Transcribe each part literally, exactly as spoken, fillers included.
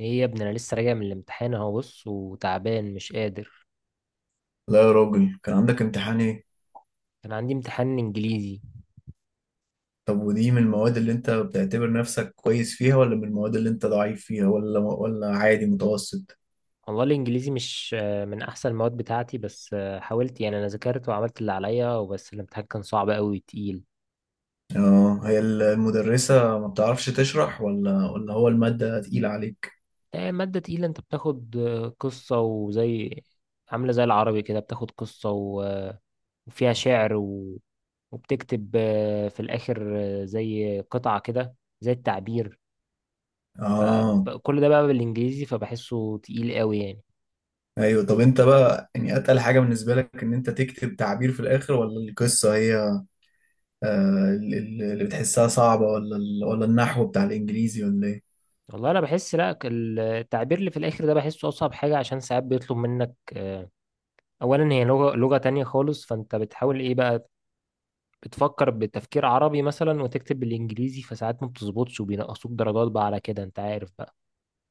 ايه يا ابني، انا لسه راجع من الامتحان اهو، بص وتعبان مش قادر. لا يا راجل، كان عندك امتحان ايه؟ كان عندي امتحان انجليزي. طب ودي من المواد اللي انت بتعتبر نفسك كويس فيها ولا من المواد اللي انت ضعيف فيها ولا ولا عادي متوسط؟ والله الانجليزي مش آه، من احسن المواد بتاعتي، بس آه، حاولت يعني، انا ذاكرت وعملت اللي عليا وبس، الامتحان كان صعب قوي تقيل. اه، هي المدرسة ما بتعرفش تشرح ولا ولا هو المادة تقيلة عليك؟ آه، مادة تقيلة. انت بتاخد آه، قصة، وزي عاملة زي العربي كده، بتاخد قصة و- وفيها شعر و... وبتكتب آه، في الاخر، آه، زي قطعة كده، زي التعبير. اه، فكل ده بقى بالانجليزي، فبحسه تقيل قوي يعني. ايوه. طب انت بقى يعني اتقل حاجة بالنسبة لك ان انت تكتب تعبير في الاخر ولا القصة هي؟ آه ال- ال- اللي بتحسها صعبة ولا ال- ولا النحو بتاع الانجليزي ولا ايه؟ والله انا بحس، لا، التعبير اللي في الاخر ده بحسه اصعب حاجه، عشان ساعات بيطلب منك آه، اولا هي لغه لغه تانية خالص، فانت بتحاول ايه بقى، بتفكر بتفكير عربي مثلا وتكتب بالانجليزي، فساعات ما بتظبطش وبينقصوك درجات بقى على كده، انت عارف بقى.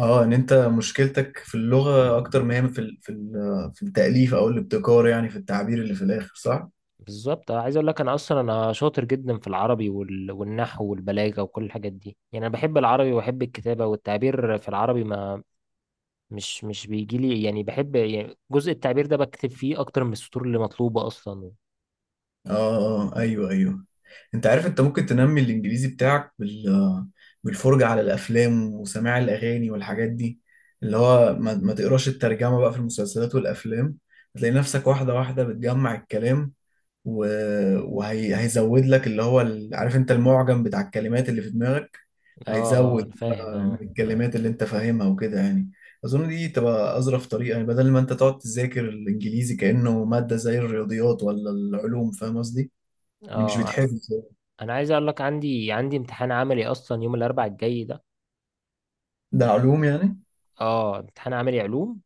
اه، ان انت مشكلتك في اللغة اكتر ما هي في ال... في ال... في التأليف او الابتكار، يعني في التعبير اللي في الاخر، صح؟ بالظبط. أنا عايز اقول لك، انا اصلا انا شاطر جدا في العربي وال... والنحو والبلاغه وكل الحاجات دي، يعني انا بحب العربي وبحب الكتابه والتعبير في العربي، ما مش مش بيجي لي يعني، بحب يعني جزء التعبير ده بكتب فيه اكتر من السطور اللي مطلوبه اصلا. اه، اه، آه، ايوه، ايوه. انت عارف انت ممكن تنمي الانجليزي بتاعك بال... بالفرجة على الافلام وسماع الاغاني والحاجات دي. اللي هو ما... ما تقراش الترجمة بقى في المسلسلات والافلام. هتلاقي نفسك واحدة واحدة بتجمع الكلام، وهيزود لك اللي هو ال- عارف انت، المعجم بتاع الكلمات اللي في دماغك، اه، اه، انا هيزود فاهم، بقى من اه. الكلمات اللي انت فاهمها وكده يعني. اظن دي تبقى اظرف طريقه، يعني بدل ما انت تقعد تذاكر الانجليزي كانه ماده زي الرياضيات ولا العلوم، فاهم قصدي؟ يعني مش اه، بيتحفظ. انا عايز اقول لك، عندي عندي امتحان عملي اصلا يوم الاربعاء الجاي ده. ده علوم يعني؟ اه، امتحان عملي علوم.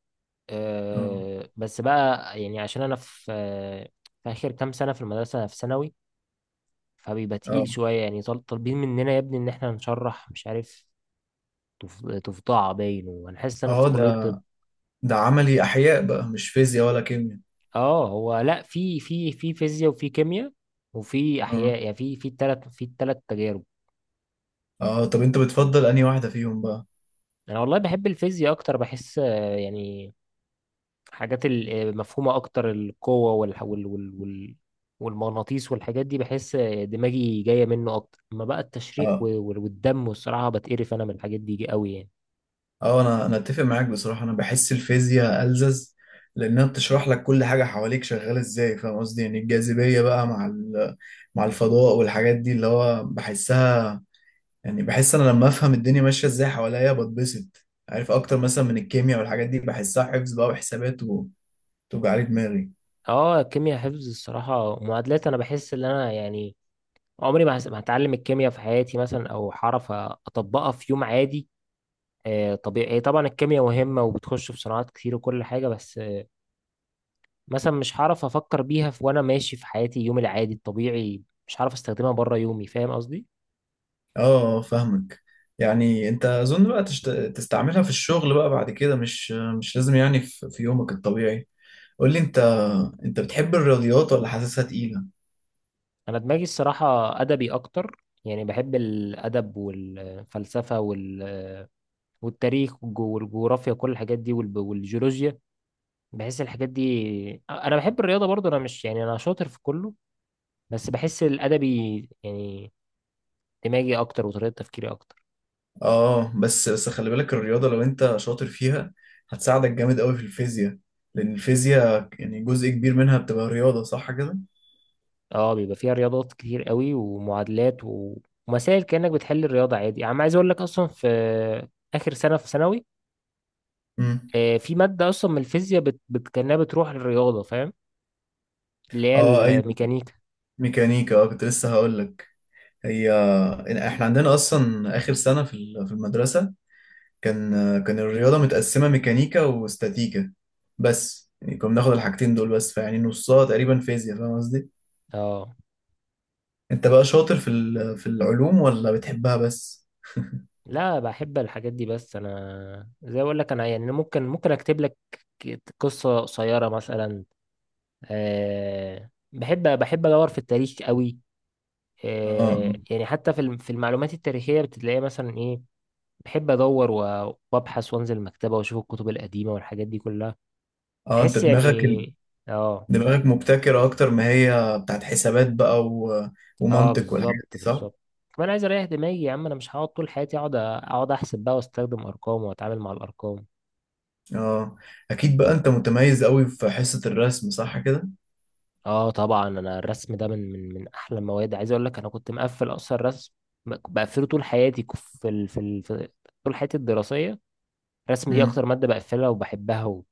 اه، آه، بس بقى يعني عشان انا في آه في اخر كام سنه في المدرسه، في ثانوي، فبيبقى اه، تقيل شويه يعني. طال- طالبين مننا يا ابني ان احنا نشرح، مش عارف، تف- تفضع باين، وانا حاسس ان انا في اه. كليه ده طب. ده عملي احياء بقى، مش فيزياء ولا كيمياء؟ اه، هو لا، في في في فيزياء وفي كيمياء وفي اه، احياء، يعني في في التلات في التلات تجارب. اه، طب انت بتفضل انهي واحده فيهم بقى؟ انا والله بحب الفيزياء اكتر، بحس آه، يعني حاجات المفهومة أكتر، القوة وال... وال... وال... وال... والمغناطيس والحاجات دي، بحس آه، دماغي جاية منه أكتر. أما بقى التشريح و- اه، وال- والدم، والصراحة بتقرف أنا من الحاجات دي قوي يعني. اه، انا انا اتفق معاك بصراحه. انا بحس الفيزياء الزز، لانها بتشرح لك كل حاجه حواليك شغاله ازاي، فاهم قصدي؟ يعني الجاذبيه بقى مع ال- مع الفضاء والحاجات دي اللي هو بحسها، يعني بحس انا لما افهم الدنيا ماشيه ازاي حواليا بتبسط، عارف، اكتر مثلا من الكيمياء والحاجات دي بحسها حفظ بقى وحسابات وتوجع لي دماغي. اه، الكيمياء حفظ الصراحة، معادلات، أنا بحس إن أنا يعني عمري ما هس- ما هتعلم الكيمياء في حياتي مثلا، أو هعرف أطبقها في يوم عادي. آه، طبيعي هي طبعا الكيمياء مهمة وبتخش في صناعات كتير وكل حاجة، بس آه، مثلا مش هعرف أفكر بيها في وأنا ماشي في حياتي يومي العادي الطبيعي، مش هعرف استخدمها بره يومي، فاهم قصدي. اه، آه، فاهمك. يعني انت اظن بقى تشت... تستعملها في الشغل بقى بعد كده، مش مش لازم يعني في في يومك الطبيعي. قول لي انت، انت بتحب الرياضيات ولا حاسسها تقيلة؟ انا دماغي الصراحه ادبي اكتر، يعني بحب الادب والفلسفه وال- والتاريخ والجو- والجغرافيا كل الحاجات دي، والب- والجيولوجيا، بحس الحاجات دي. انا بحب الرياضه برضو، انا مش يعني، انا شاطر في كله، بس بحس الادبي يعني دماغي اكتر وطريقه تفكيري اكتر. اه، بس بس خلي بالك، الرياضة لو انت شاطر فيها هتساعدك جامد قوي في الفيزياء، لأن الفيزياء يعني جزء كبير منها بتبقى رياضة، صح كده؟ اه، بيبقى فيها رياضات كتير قوي، ومعادلات و- ومسائل، كانك بتحل الرياضه عادي يعني. عايز اقول لك اصلا في اخر سنه في ثانوي امم. آه، في ماده اصلا من الفيزياء بت... بت... كانها بتروح للرياضه، فاهم، اللي هي اه، ايوه، الميكانيكا. ميكانيكا. اه، كنت لسه هقول لك. هي احنا عندنا اصلا اخر سنة في ال- في المدرسة، كان كان الرياضة متقسمة ميكانيكا واستاتيكا، بس يعني كنا بناخد الحاجتين دول بس، فيعني نصها تقريبا فيزياء، فاهم قصدي؟ اه، انت بقى شاطر في ال- في العلوم ولا بتحبها بس؟ لا، بحب الحاجات دي، بس انا زي اقول لك انا يعني ممكن ممكن اكتب لك قصة قصيرة مثلا. أه، بحب بحب ادور في التاريخ قوي. اه، أه، مم. يعني حتى في الم- في المعلومات التاريخية بتلاقي مثلا ايه، بحب ادور و- وابحث وانزل المكتبة واشوف الكتب القديمة والحاجات دي كلها، اه، انت بحس دماغك ال... يعني. اه. دماغك مبتكرة اكتر ما هي بتاعت حسابات بقى و... اه، ومنطق والحاجات بالظبط، دي، صح؟ بالظبط. كمان عايز اريح دماغي يا عم، انا مش هقعد طول حياتي اقعد أ- اقعد احسب بقى واستخدم ارقام واتعامل مع الارقام. اه، اكيد بقى انت متميز قوي في حصة الرسم، صح كده؟ اه، طبعا انا الرسم ده من من من احلى المواد، عايز اقول لك انا كنت مقفل اصلا رسم، بقفله طول حياتي ك- في ال... في, ال... في طول حياتي الدراسيه. الرسم دي امم. اكتر ماده بقفلها وبحبها و...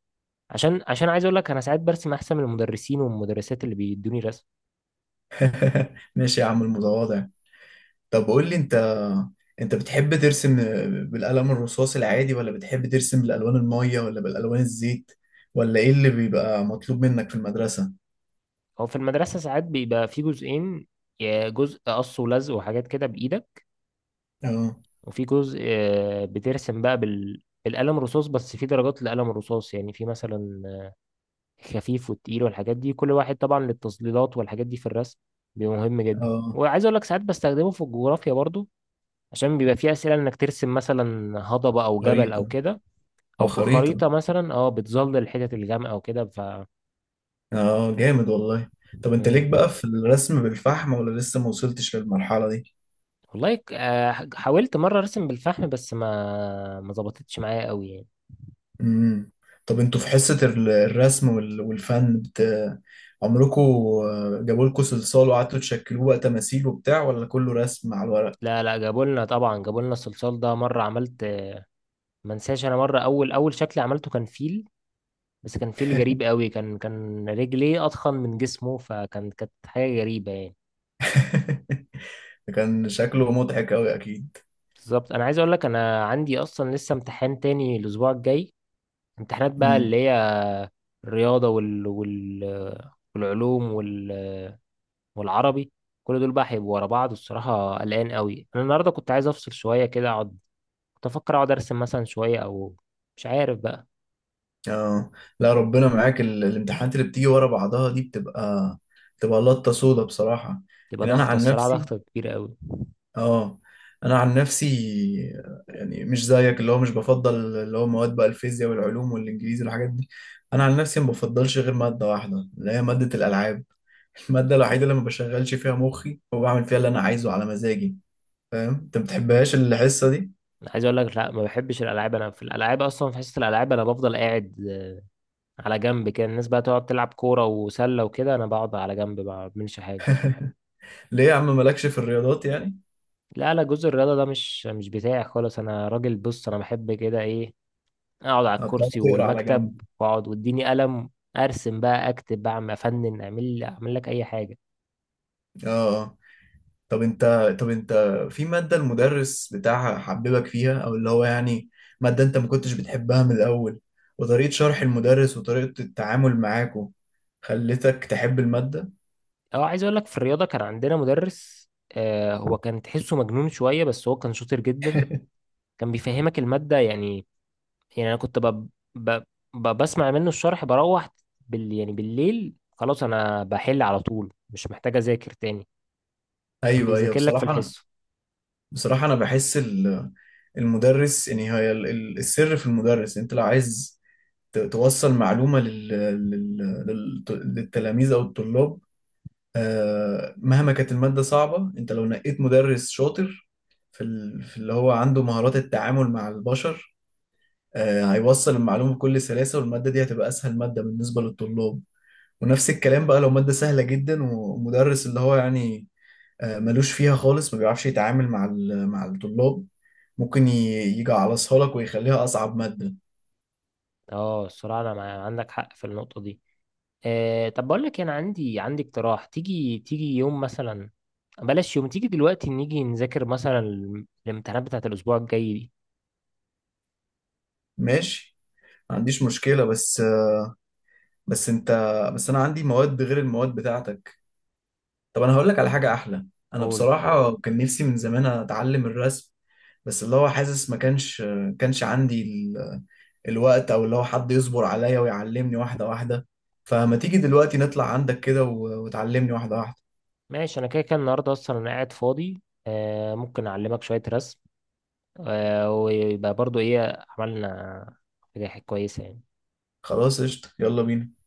عشان عشان عايز اقول لك، انا ساعات برسم احسن من المدرسين والمدرسات اللي بيدوني رسم. ماشي يا عم المتواضع. طب قول لي انت، انت بتحب ترسم بالقلم الرصاص العادي، ولا بتحب ترسم بالالوان المية ولا بالالوان الزيت، ولا ايه اللي بيبقى مطلوب منك في المدرسة؟ هو في المدرسه ساعات بيبقى في جزئين، يا جزء قص ولزق وحاجات كده بايدك، اه، وفي جزء آه، بترسم بقى بال... بالقلم الرصاص بس. في درجات لقلم الرصاص يعني، في مثلا خفيف والتقيل والحاجات دي، كل واحد طبعا للتظليلات والحاجات دي في الرسم بيبقى مهم جدا. اه، وعايز اقول لك ساعات بستخدمه في الجغرافيا برضو، عشان بيبقى فيه اسئله انك ترسم مثلا هضبه او جبل او غريب. كده، او او في خريطة. خريطه مثلا، اه بتظلل الحتت الغامقه او كده ف. اه، جامد والله. طب انت ليك مم. بقى في الرسم بالفحم ولا لسه ما وصلتش للمرحلة دي؟ والله، ك- آه، حاولت مره ارسم بالفحم بس ما ما ظبطتش معايا قوي يعني. امم. طب انتوا في حصة ال- الرسم وال- والفن بت... عمركوا جابوا لكم صلصال وقعدتوا تشكلوه بقى تماثيل وبتاع، ولا كله رسم على الورق؟ لا لا، جابوا لنا طبعا، جابوا لنا الصلصال ده مره عملت. ما انساش انا، مره اول اول شكل عملته كان فيل، بس كان فيل غريب قوي، كان كان رجليه اضخم من جسمه، فكان، كانت حاجه غريبه يعني. ده كان شكله مضحك قوي، اكيد. بالظبط، انا عايز اقول لك، انا عندي اصلا لسه امتحان تاني الاسبوع الجاي، امتحانات بقى اللي امم، هي الرياضه وال... وال... والعلوم وال... والعربي، كل دول بقى هيبقوا ورا بعض. الصراحه قلقان قوي انا النهارده، كنت عايز افصل شويه كده، اقعد، كنت افكر اقعد ارسم مثلا شويه، او مش عارف بقى. اه. لا، ربنا معاك. ال... الامتحانات اللي بتيجي ورا بعضها دي بتبقى بتبقى لطة سودا بصراحة. تبقى يعني انا ضغطه، عن الصراحه نفسي، ضغطه كبيره قوي. اه، انا عن نفسي، يعني مش زيك اللي هو مش بفضل اللي هو مواد بقى الفيزياء والعلوم والانجليزي والحاجات دي. انا عن نفسي ما بفضلش غير ماده واحده، اللي هي ماده الالعاب. الماده الوحيده اللي ما بشغلش فيها مخي وبعمل فيها اللي انا عايزه على مزاجي. فاهم؟ انت ما بتحبهاش الحصه دي؟ انا عايز اقول لك، لا، ما بحبش الالعاب. انا في الالعاب اصلا، في حصه الالعاب، انا بفضل قاعد على جنب كده. الناس بقى تقعد تلعب كورة وسلة وكده، أنا بقعد على جنب ما بعملش حاجة. ليه يا عم، مالكش في الرياضات يعني؟ لا لا، جزء الرياضة ده مش مش بتاعي خالص. أنا راجل، بص، أنا بحب كده إيه، أقعد على أه، بتقعد الكرسي تقرا على والمكتب، جنب؟ وأقعد وإديني قلم، أرسم بقى، أكتب، بعمل، أفنن، أعمل أعمل لك أي حاجة. اه، طب انت، طب انت في مادة المدرس بتاعها حببك فيها، او اللي هو يعني، مادة انت ما كنتش بتحبها من الاول، وطريقة شرح المدرس وطريقة التعامل معاكو خلتك تحب المادة؟ أه، عايز أقول لك، في الرياضة كان عندنا مدرس، آه، هو كان تحسه مجنون شوية، بس هو كان شاطر جدا، كان بيفهمك المادة يعني. يعني انا كنت ب... ب... ب... بسمع منه الشرح، بروح بال... يعني بالليل خلاص، انا بحل على طول مش محتاج اذاكر تاني، كان ايوه، ايوه. بيذاكر لك في بصراحة انا، الحصه. بصراحة انا بحس ال- المدرس، يعني هي ال- ال- السر في المدرس. انت لو عايز ت- توصل معلومة لل... لل... لل... للتلاميذ او الطلاب، آه، مهما كانت المادة صعبة، انت لو نقيت مدرس شاطر في ال- في اللي هو عنده مهارات التعامل مع البشر، آه، هيوصل المعلومة بكل سلاسة، والمادة دي هتبقى أسهل مادة بالنسبة للطلاب. ونفس الكلام بقى لو مادة سهلة جدا، ومدرس اللي هو يعني آه، ملوش فيها خالص، ما بيعرفش يتعامل مع ال- مع الطلاب، ممكن ي- يجعلصها لك ويخليها أصعب مادة. اه، الصراحه انا مع... عندك حق في النقطه دي. آه، طب بقول لك إيه، انا عندي عندي اقتراح، تيجي تيجي يوم مثلا، بلاش يوم، تيجي دلوقتي نيجي نذاكر مثلا الم- الامتحانات بتاعت الاسبوع الجاي دي. ماشي، ما عنديش مشكلة، بس، بس انت بس انا عندي مواد غير المواد بتاعتك. طب انا هقول لك على حاجه احلى. انا قول. بصراحه كان نفسي من زمان اتعلم الرسم، بس اللي هو حاسس ما كانش، كانش عندي ال... الوقت، او اللي هو حد يصبر عليا ويعلمني واحده واحده. فما تيجي دلوقتي نطلع عندك كده و... وتعلمني واحده واحده. ماشي، انا كده كده النهارده اصلا انا قاعد فاضي، آه ممكن اعلمك شويه رسم، آه ويبقى برضو ايه عملنا حاجه كويسه يعني. خلاص، قشطه، يلا بينا.